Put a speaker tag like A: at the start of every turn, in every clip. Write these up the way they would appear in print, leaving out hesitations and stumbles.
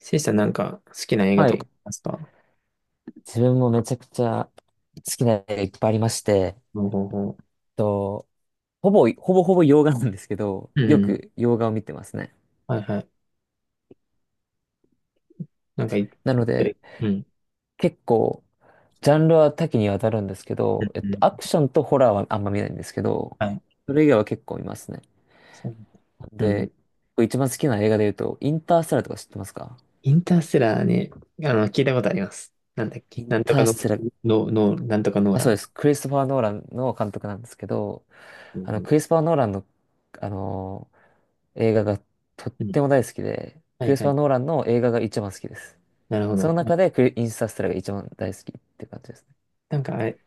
A: せいさん、なんか好きな映画
B: は
A: とかあ
B: い。
A: りますか？
B: 自分もめちゃくちゃ好きな映画いっぱいありまして、
A: ほうほうほ
B: と、ほぼほぼ洋画なんですけど、
A: う。うん
B: よ
A: うん。
B: く洋画を見てますね。
A: はいはい。なんかい、
B: なので、
A: うん。うん
B: 結構、ジャンルは多岐にわたるんですけ
A: う
B: ど、
A: ん。
B: アクションとホラーはあんま見ないんですけど、
A: はい。
B: それ以外は結構見ますね。
A: そう。うんうん。
B: で、一番好きな映画で言うと、インターステラーとか知ってますか？
A: インターステラーね、あの、聞いたことあります。なんだっけ。
B: イン
A: なんと
B: タ
A: か
B: ー
A: の、
B: ステラー、
A: の、の、なんとかノー
B: あ、
A: ラ
B: そうで
A: ン。
B: す。クリストファー・ノーランの監督なんですけど、
A: うんう
B: クリ
A: ん
B: ストファー・ノーランの、あの、映画がとっ
A: うん。
B: ても大好きで、
A: は
B: ク
A: い
B: リス
A: は
B: パー・
A: い。
B: ノーランの映画が一番好きです。
A: なるほ
B: その
A: ど。
B: 中でクリインスタステラが一番大好きって感じですね。
A: なんかあれ、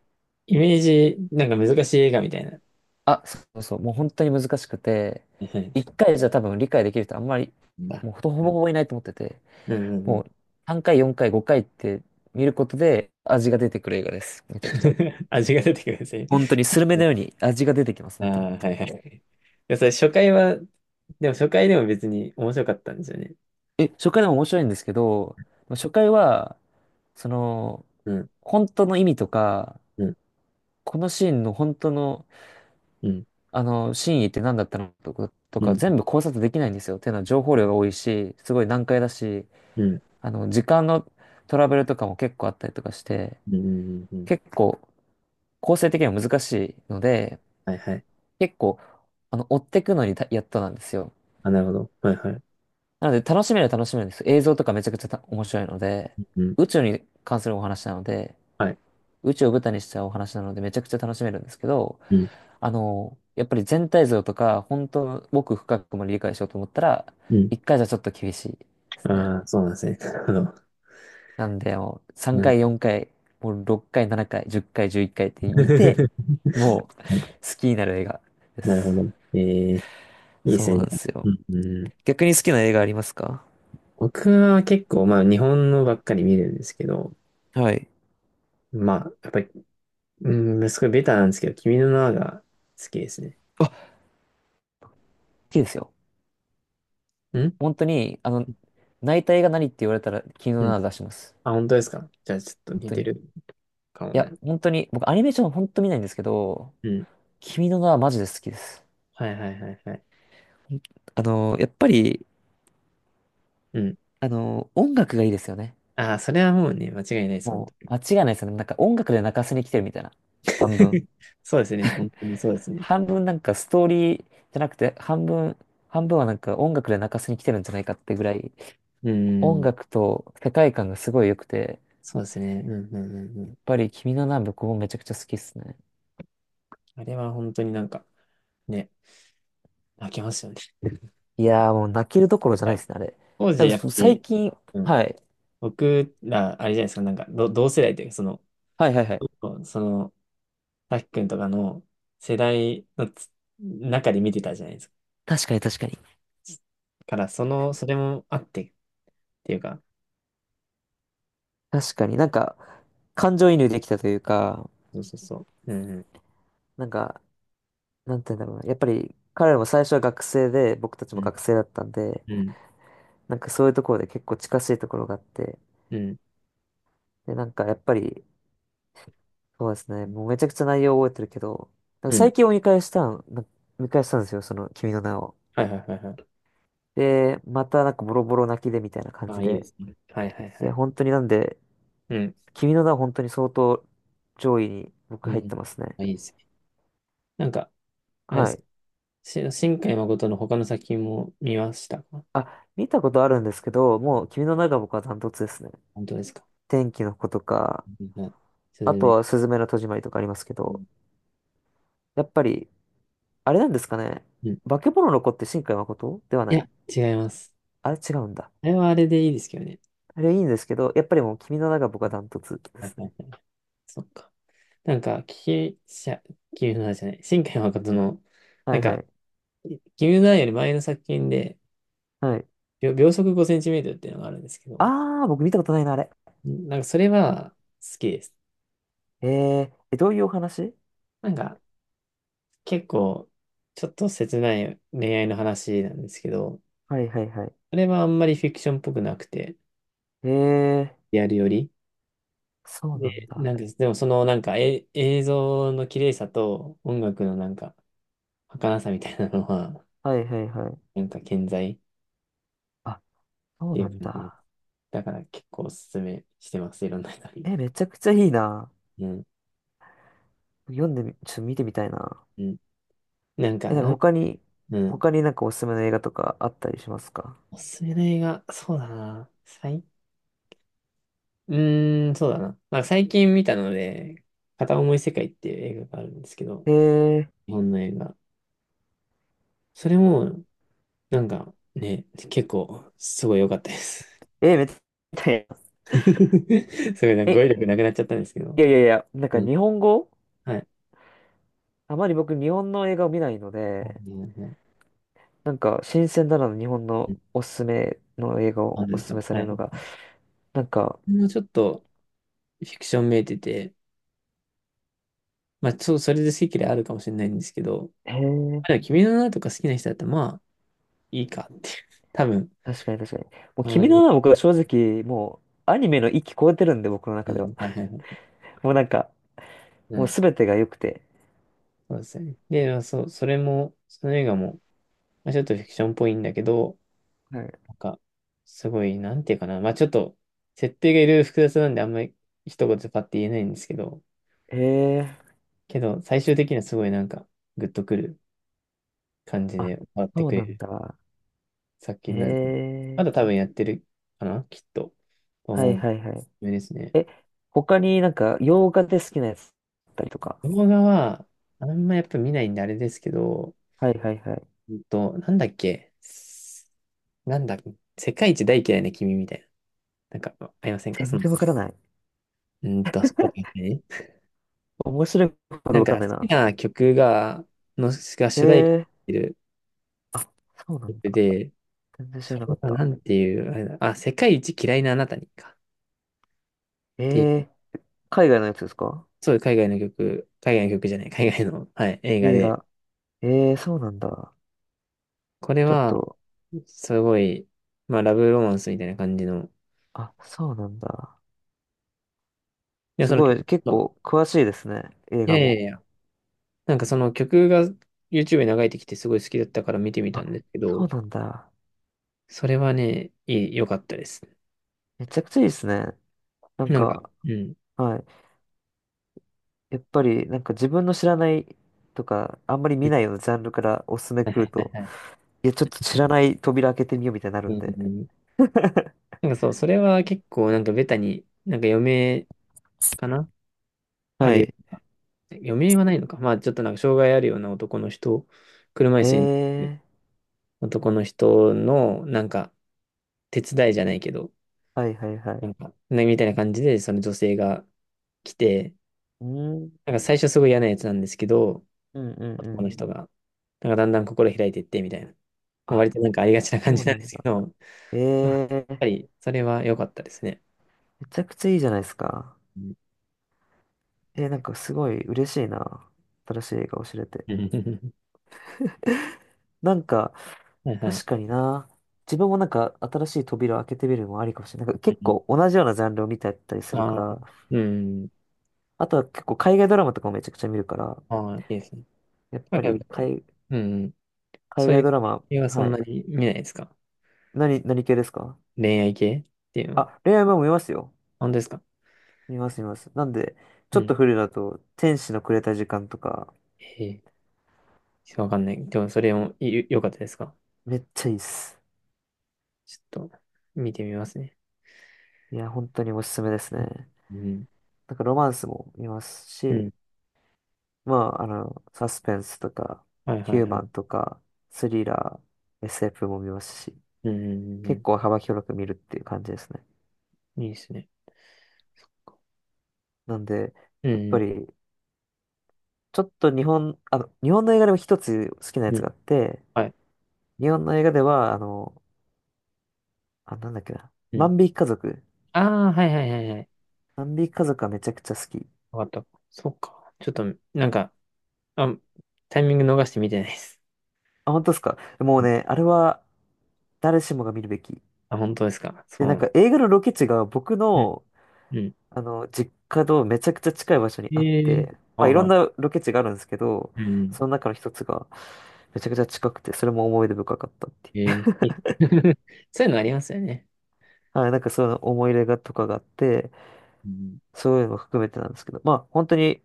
A: イメージ、なんか難しい映画みたいな。
B: あ、そうそう、もう本当に難しくて、
A: はい。
B: 一回じゃ多分理解できる人あんまり、
A: うん、あ、
B: もうほとほぼ ほぼいないと思ってて、
A: うんうんう
B: も
A: ん。
B: う3回、4回、5回って見ることで味が出てくる映画です。めちゃくちゃ。
A: 味が出てくるんですね。
B: 本当にスルメのように味が出てきます、
A: あ
B: 本当に。
A: あ、はいはい。いや、それ初回は、でも初回でも別に面白かったんですよね。
B: え、初回でも面白いんですけど、初回は、その、
A: うん、
B: 本当の意味とか、
A: うん、
B: このシーンの本当の
A: うん、
B: 真意って何だったのとか、
A: うん、
B: 全部考察できないんですよ。っていうのは情報量が多いし、すごい難解だし、
A: うん、
B: 時間のトラブルとかも結構あったりとかして、
A: うん、うん、うん。
B: 結構構成的には難しいので、
A: はいはい。
B: 結構、追ってくのにやっとなんですよ。
A: あ、なるほど。はいはい。
B: なので楽しめるんですよ。映像とかめちゃくちゃ面白いので、
A: うん、
B: 宇宙に関するお話なので、
A: はい。
B: 宇宙を舞台にしたお話なのでめちゃくちゃ楽しめるんですけど、
A: うん、
B: やっぱり全体像とか、本当の奥深くも理解しようと思ったら、
A: うん。
B: 1回じゃちょっと厳しいですね。
A: ああ、そうなんですね。なるほど。
B: なんで、もう3
A: うん。
B: 回、4回、もう6回、7回、10回、11回っかいって見 て、もう好
A: はい。
B: きになる映画で
A: なるほ
B: す。
A: ど。ええ、いいで
B: そ
A: す
B: うなん
A: ね。
B: ですよ。
A: うん、うん。
B: 逆に好きな映画ありますか？
A: 僕は結構、まあ、日本のばっかり見るんですけど、
B: はい。
A: まあ、やっぱり、うん、すごいベタなんですけど、君の名はが好きですね。
B: あ、好きですよ。
A: うん
B: 本当に、泣いた映画何って言われたら、君の
A: う
B: 名
A: ん。
B: は出します。
A: あ、本当ですか？じゃあ、ちょっと
B: 本
A: 似
B: 当
A: て
B: に。い
A: るかもね。
B: や、本当に、僕アニメーション本当見ないんですけど、
A: うん。
B: 君の名はマジで好きです。
A: はいはいはいはい。
B: やっぱり、
A: うん。
B: 音楽がいいですよね。
A: ああ、それはもうね、間違いないです、本当
B: も
A: に。
B: う、間違いないですよね。なんか音楽で泣かせに来てるみたいな。半分。
A: そうですね。本当にそうですね。
B: 半分なんかストーリーじゃなくて、半分はなんか音楽で泣かせに来てるんじゃないかってぐらい、
A: う
B: 音
A: ん。
B: 楽と世界観がすごい良くて、やっ
A: そうですね。うんうんうんうん。
B: ぱり君の名は僕もめちゃくちゃ好きですね。
A: あれは本当になんか、ね、泣けますよね。
B: いやーもう泣けるどころじゃ
A: は
B: ない
A: い。
B: ですね、あれ。
A: 当
B: な
A: 時
B: んか
A: やっぱ
B: 最
A: り、
B: 近、
A: うん、
B: はい。
A: 僕ら、あれじゃないですか、なんか、同世代というか、その、
B: はいはいはい。
A: その、さきくんとかの世代の中で見てたじゃないですか。
B: 確かに確かに。
A: だから、その、それもあってっていうか、
B: 確かになんか、感情移入できたというか、
A: そうそうそう。うん
B: なんか、なんて言うんだろうな。やっぱり彼らも最初は学生で、僕たち
A: う
B: も
A: ん
B: 学生だったんで、
A: うん
B: なんかそういうところで結構近しいところがあって、
A: うん
B: で、なんかやっぱり、そうですね、もうめちゃくちゃ内容覚えてるけど、なん
A: う
B: か
A: んう
B: 最近
A: ん。
B: を見返したんですよ、その君の名を。
A: はいはいはいはい。
B: で、またなんかボロボロ泣きでみたいな感
A: あ
B: じ
A: あ、いいで
B: で。
A: すね。はいはいは
B: いや、
A: い。
B: 本当になんで、
A: うん。
B: 君の名は本当に相当上位に僕
A: う
B: 入っ
A: ん。
B: てますね。
A: あ、いいですね。なんか、あれで
B: は
A: すか。
B: い。
A: 新海誠の他の作品も見ましたか？
B: あ、見たことあるんですけど、もう君の名が僕はダントツですね。
A: 本当ですか？
B: 天気の子とか、
A: はい。すず
B: あと
A: め。
B: は、すずめの戸締まりとかありますけ
A: う
B: ど、
A: ん。
B: やっぱり、あれなんですかね。
A: うん。
B: 化け物の子って新海誠では
A: い
B: ない。
A: や、違います。
B: あれ違うんだ。
A: あれはあれでいいですけどね。
B: あれいいんですけど、やっぱりもう君の名が僕はダントツで
A: はい
B: す
A: は
B: ね。
A: いはい。そっか。なんか、聞き、しゃ、君の名じゃない。新海誠の、
B: は
A: なん
B: いは
A: か、
B: い。
A: 君の名より前の作品で、
B: はい。
A: 秒、秒速5センチメートルっていうのがあるんですけど、
B: あー、僕見たことないな、あれ。
A: んなんか、それは好きです。
B: ええ、どういうお話？
A: なんか、結構、ちょっと切ない恋愛の話なんですけど、
B: はいはいは
A: あれはあんまりフィクションっぽくなくて、
B: い。えー、
A: リアルより。
B: そう
A: で、
B: なんだ。
A: なんです。でも、そのなんか、え、映像の綺麗さと音楽のなんか、儚さみたいなのは、
B: はいはいはい。
A: なんか健在っ
B: あ、そう
A: てい
B: な
A: う
B: ん
A: 感じです。
B: だ。
A: だから結構おすすめしてます、いろんな人に。
B: え、めちゃくちゃいいな。
A: うん。
B: 読んでみ、ちょっと見てみたいな。
A: うん。なんか、
B: え、なんか
A: なん、うん。
B: 他になんかおすすめの映画とかあったりしますか？
A: おすすめの映画、そうだな。最、う、そうだな。まあ、最近見たので、片思い世界っていう映画があるんですけど、
B: えー
A: 日本の映画。それも、なんかね、結構、すごい良かったです。
B: え、めっちゃ、
A: すごい、なんか
B: え、
A: 語彙力なくなっちゃったんですけど。
B: いやいやいや、なんか
A: うん、
B: 日本語
A: はい。
B: あまり僕日本の映画を見ないの
A: はは
B: で、
A: い。
B: なんか新鮮だなの日本
A: う
B: の
A: ん、
B: おすすめの映画
A: あ、
B: を
A: で
B: お
A: す
B: すす
A: か。
B: めさ
A: は
B: れる
A: い。
B: のが、なんか、
A: もうちょっとフィクションめいてて、まあ、そう、それで好き嫌いあるかもしれないんですけど、ま
B: へえ、
A: あでも君の名はとか好きな人だったら、まあ、いいかっていう。多分。
B: 確かに確かに。もう
A: まあまあ
B: 君
A: ね。
B: の名は僕は正直、もうアニメの域超えてるんで、僕の
A: う
B: 中では。
A: ん。はいはいはい。
B: もうなんか、
A: う
B: もう
A: ん。
B: すべてが良くて。
A: そうですね。で、まあそう、それも、その映画も、まあ、ちょっとフィクションっぽいんだけど、
B: はい。
A: なんか、すごい、なんていうかな。まあ、ちょっと、設定がいろいろ複雑なんで、あんまり一言でパッて言えないんですけど、
B: へえ、
A: けど、最終的にはすごいなんか、グッとくる感じ
B: あ、
A: で終わって
B: そ
A: く
B: う
A: れ
B: なん
A: る
B: だ。
A: 作
B: へ
A: 品なんで、ま
B: え、
A: だ多分やってるかな、きっと。と
B: はい
A: 思う。
B: はいはい。
A: ですね。
B: え、他になんか洋画で好きなやつだったりとか。
A: 動画は、あんまやっぱ見ないんであれですけど、
B: はいはいはい。
A: なんだっけ、す、なんだ、世界一大嫌いな君みたいな。なんか、ありませんか
B: 全
A: その、
B: 然わからない。
A: 主題歌ね。
B: 面白いこと
A: なん
B: わ
A: か
B: かんない
A: 好
B: な。
A: きな曲が、の、が
B: え
A: 主題歌
B: えー。
A: になってる
B: あ、そうなん
A: 曲
B: だ。
A: で、
B: 全然知
A: そ
B: らなか
A: れ
B: っ
A: は
B: た。
A: なんていう、あれだ、あ、世界一嫌いなあなたにか。っ
B: え
A: ていう。
B: えー。海外のやつですか？
A: そう、海外の曲、海外の曲じゃない、海外の、はい、映画
B: 映
A: で、
B: 画。ええー、そうなんだ。
A: これ
B: ちょっ
A: は、
B: と、
A: すごい、まあ、ラブロマンスみたいな感じの、い
B: あ、そうなんだ。
A: や、
B: す
A: その
B: ごい、
A: 曲、
B: 結
A: そう、
B: 構詳しいですね。映
A: いや
B: 画
A: いやい
B: も。
A: や、なんかその曲が YouTube に流れてきてすごい好きだったから見てみたん
B: あ、
A: ですけ
B: そう
A: ど、
B: なんだ。
A: それはね、いい、良かったです。
B: めちゃくちゃいいですね。なん
A: なんか、
B: か、
A: うん。
B: はい。やっぱり、なんか自分の知らないとか、あんまり見ないようなジャンルからおすすめ来
A: は
B: る
A: い
B: と、
A: はい。
B: いや、ちょっと知らない扉開けてみようみたいになる
A: う
B: んで。
A: ん。 なんかそう、それは結構なんかベタに、なんか余命かな、あ
B: は
A: るよ
B: い。
A: うな。余命はないのか。まあちょっとなんか障害あるような男の人、車椅
B: え
A: 子に乗って
B: えー。
A: 男の人の、なんか、手伝いじゃないけど、
B: はいはいは
A: な
B: い。
A: んか、ねみたいな感じで、その女性が来て、
B: うん、
A: なんか最初すごい嫌なやつなんですけど、
B: うんうんう
A: 男の
B: ん。
A: 人が、なんかだんだん心開いていって、みたいな。まあ
B: あ、
A: 割となんかありがちな感
B: そう
A: じなん
B: な
A: で
B: ん
A: すけ
B: だ。
A: ど、うん、
B: ええ
A: や
B: ー、
A: っぱり、それは良かったですね。
B: めちゃくちゃいいじゃないですか。
A: うん
B: えー、なんかすごい嬉しいな。新しい映画を知れて。
A: うん。
B: なんか、
A: はいはい。
B: 確かにな。自分もなんか新しい扉を開けてみるのもありかもしれない。なんか
A: う
B: 結
A: ん。
B: 構同じようなジャンルを見てたりするか
A: ああ、
B: ら、
A: うん。
B: あとは結構海外ドラマとかもめちゃくちゃ見るから、
A: ああ、いいですね。
B: やっ
A: なん
B: ぱ
A: かやっ
B: り
A: ぱり、うん。
B: 海
A: そうい
B: 外
A: う
B: ドラマ、
A: 系はそ
B: は
A: んな
B: い。
A: に見ないですか？
B: 何系ですか？
A: 恋愛系っていうのは。
B: あ、恋愛も見ますよ。
A: 本当ですか？
B: 見ます見ます。なんで、ち
A: う
B: ょっ
A: ん。
B: と古いだと、天使のくれた時間とか、
A: へえ、ちょっとわかんない。でも、それもい良かったですか？
B: めっちゃいいっす。
A: ちょっと、見てみますね。
B: いや、本当におすすめですね。
A: うん。
B: なんかロマンスも見ます
A: う
B: し、
A: ん。
B: まあ、サスペンスとか、
A: はいは
B: ヒ
A: い
B: ュー
A: はい。
B: マンとか、スリラー、SF も見ますし、
A: うん。うんうん
B: 結
A: う
B: 構幅広く見るっていう感じですね。
A: ん。いいですね。
B: なんで、
A: う
B: やっ
A: ん。
B: ぱり、ちょっと日本の映画でも一つ好きなや
A: う
B: つ
A: ん。
B: があって、
A: はい。
B: 日本の映画では、あ、なんだっけな、
A: うん。
B: 万引き家族。
A: ああ、はいはいはいはい。
B: 万引き家族はめちゃくちゃ好き。
A: わかった。そっか。ちょっと、なんか、あ、タイミング逃して見てないです。
B: あ、本当ですか。もう
A: うん。
B: ね、あれは誰しもが見るべき。
A: あ、本当ですか。そ
B: で、
A: う
B: なん
A: なんだ。
B: か映画のロケ地が僕
A: うん。
B: の、
A: うん。
B: 実家とめちゃくちゃ近い場所にあっ
A: ええ、
B: て、
A: あ、
B: まあ、いろ
A: は
B: ん
A: い。
B: なロケ地があるんですけど、
A: うん。
B: その中の一つがめちゃくちゃ近くて、それも思い出深かったってい
A: え
B: う。
A: えい、 そういうのありますよね。
B: はい、なんかそういうの思い入れがとかがあって、
A: うん。
B: そういうのも含めてなんですけど、まあ本当に、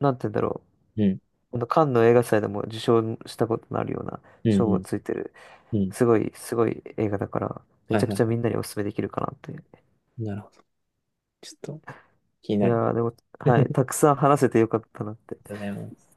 B: なんて言うんだろ
A: うん。
B: う、このカンヌ映画祭でも受賞したことのあるような
A: うん。
B: 賞
A: う
B: をつい
A: ん。
B: てる、
A: うん。
B: すごい、すごい映画だから、め
A: はい
B: ちゃ
A: は
B: く
A: い
B: ちゃみ
A: は
B: んなにお勧めできるかなという。
A: い。なるほど。ちょっと、気に
B: い
A: なる。
B: やー、でも、はい。たくさん話せてよかったなって。
A: とうございます。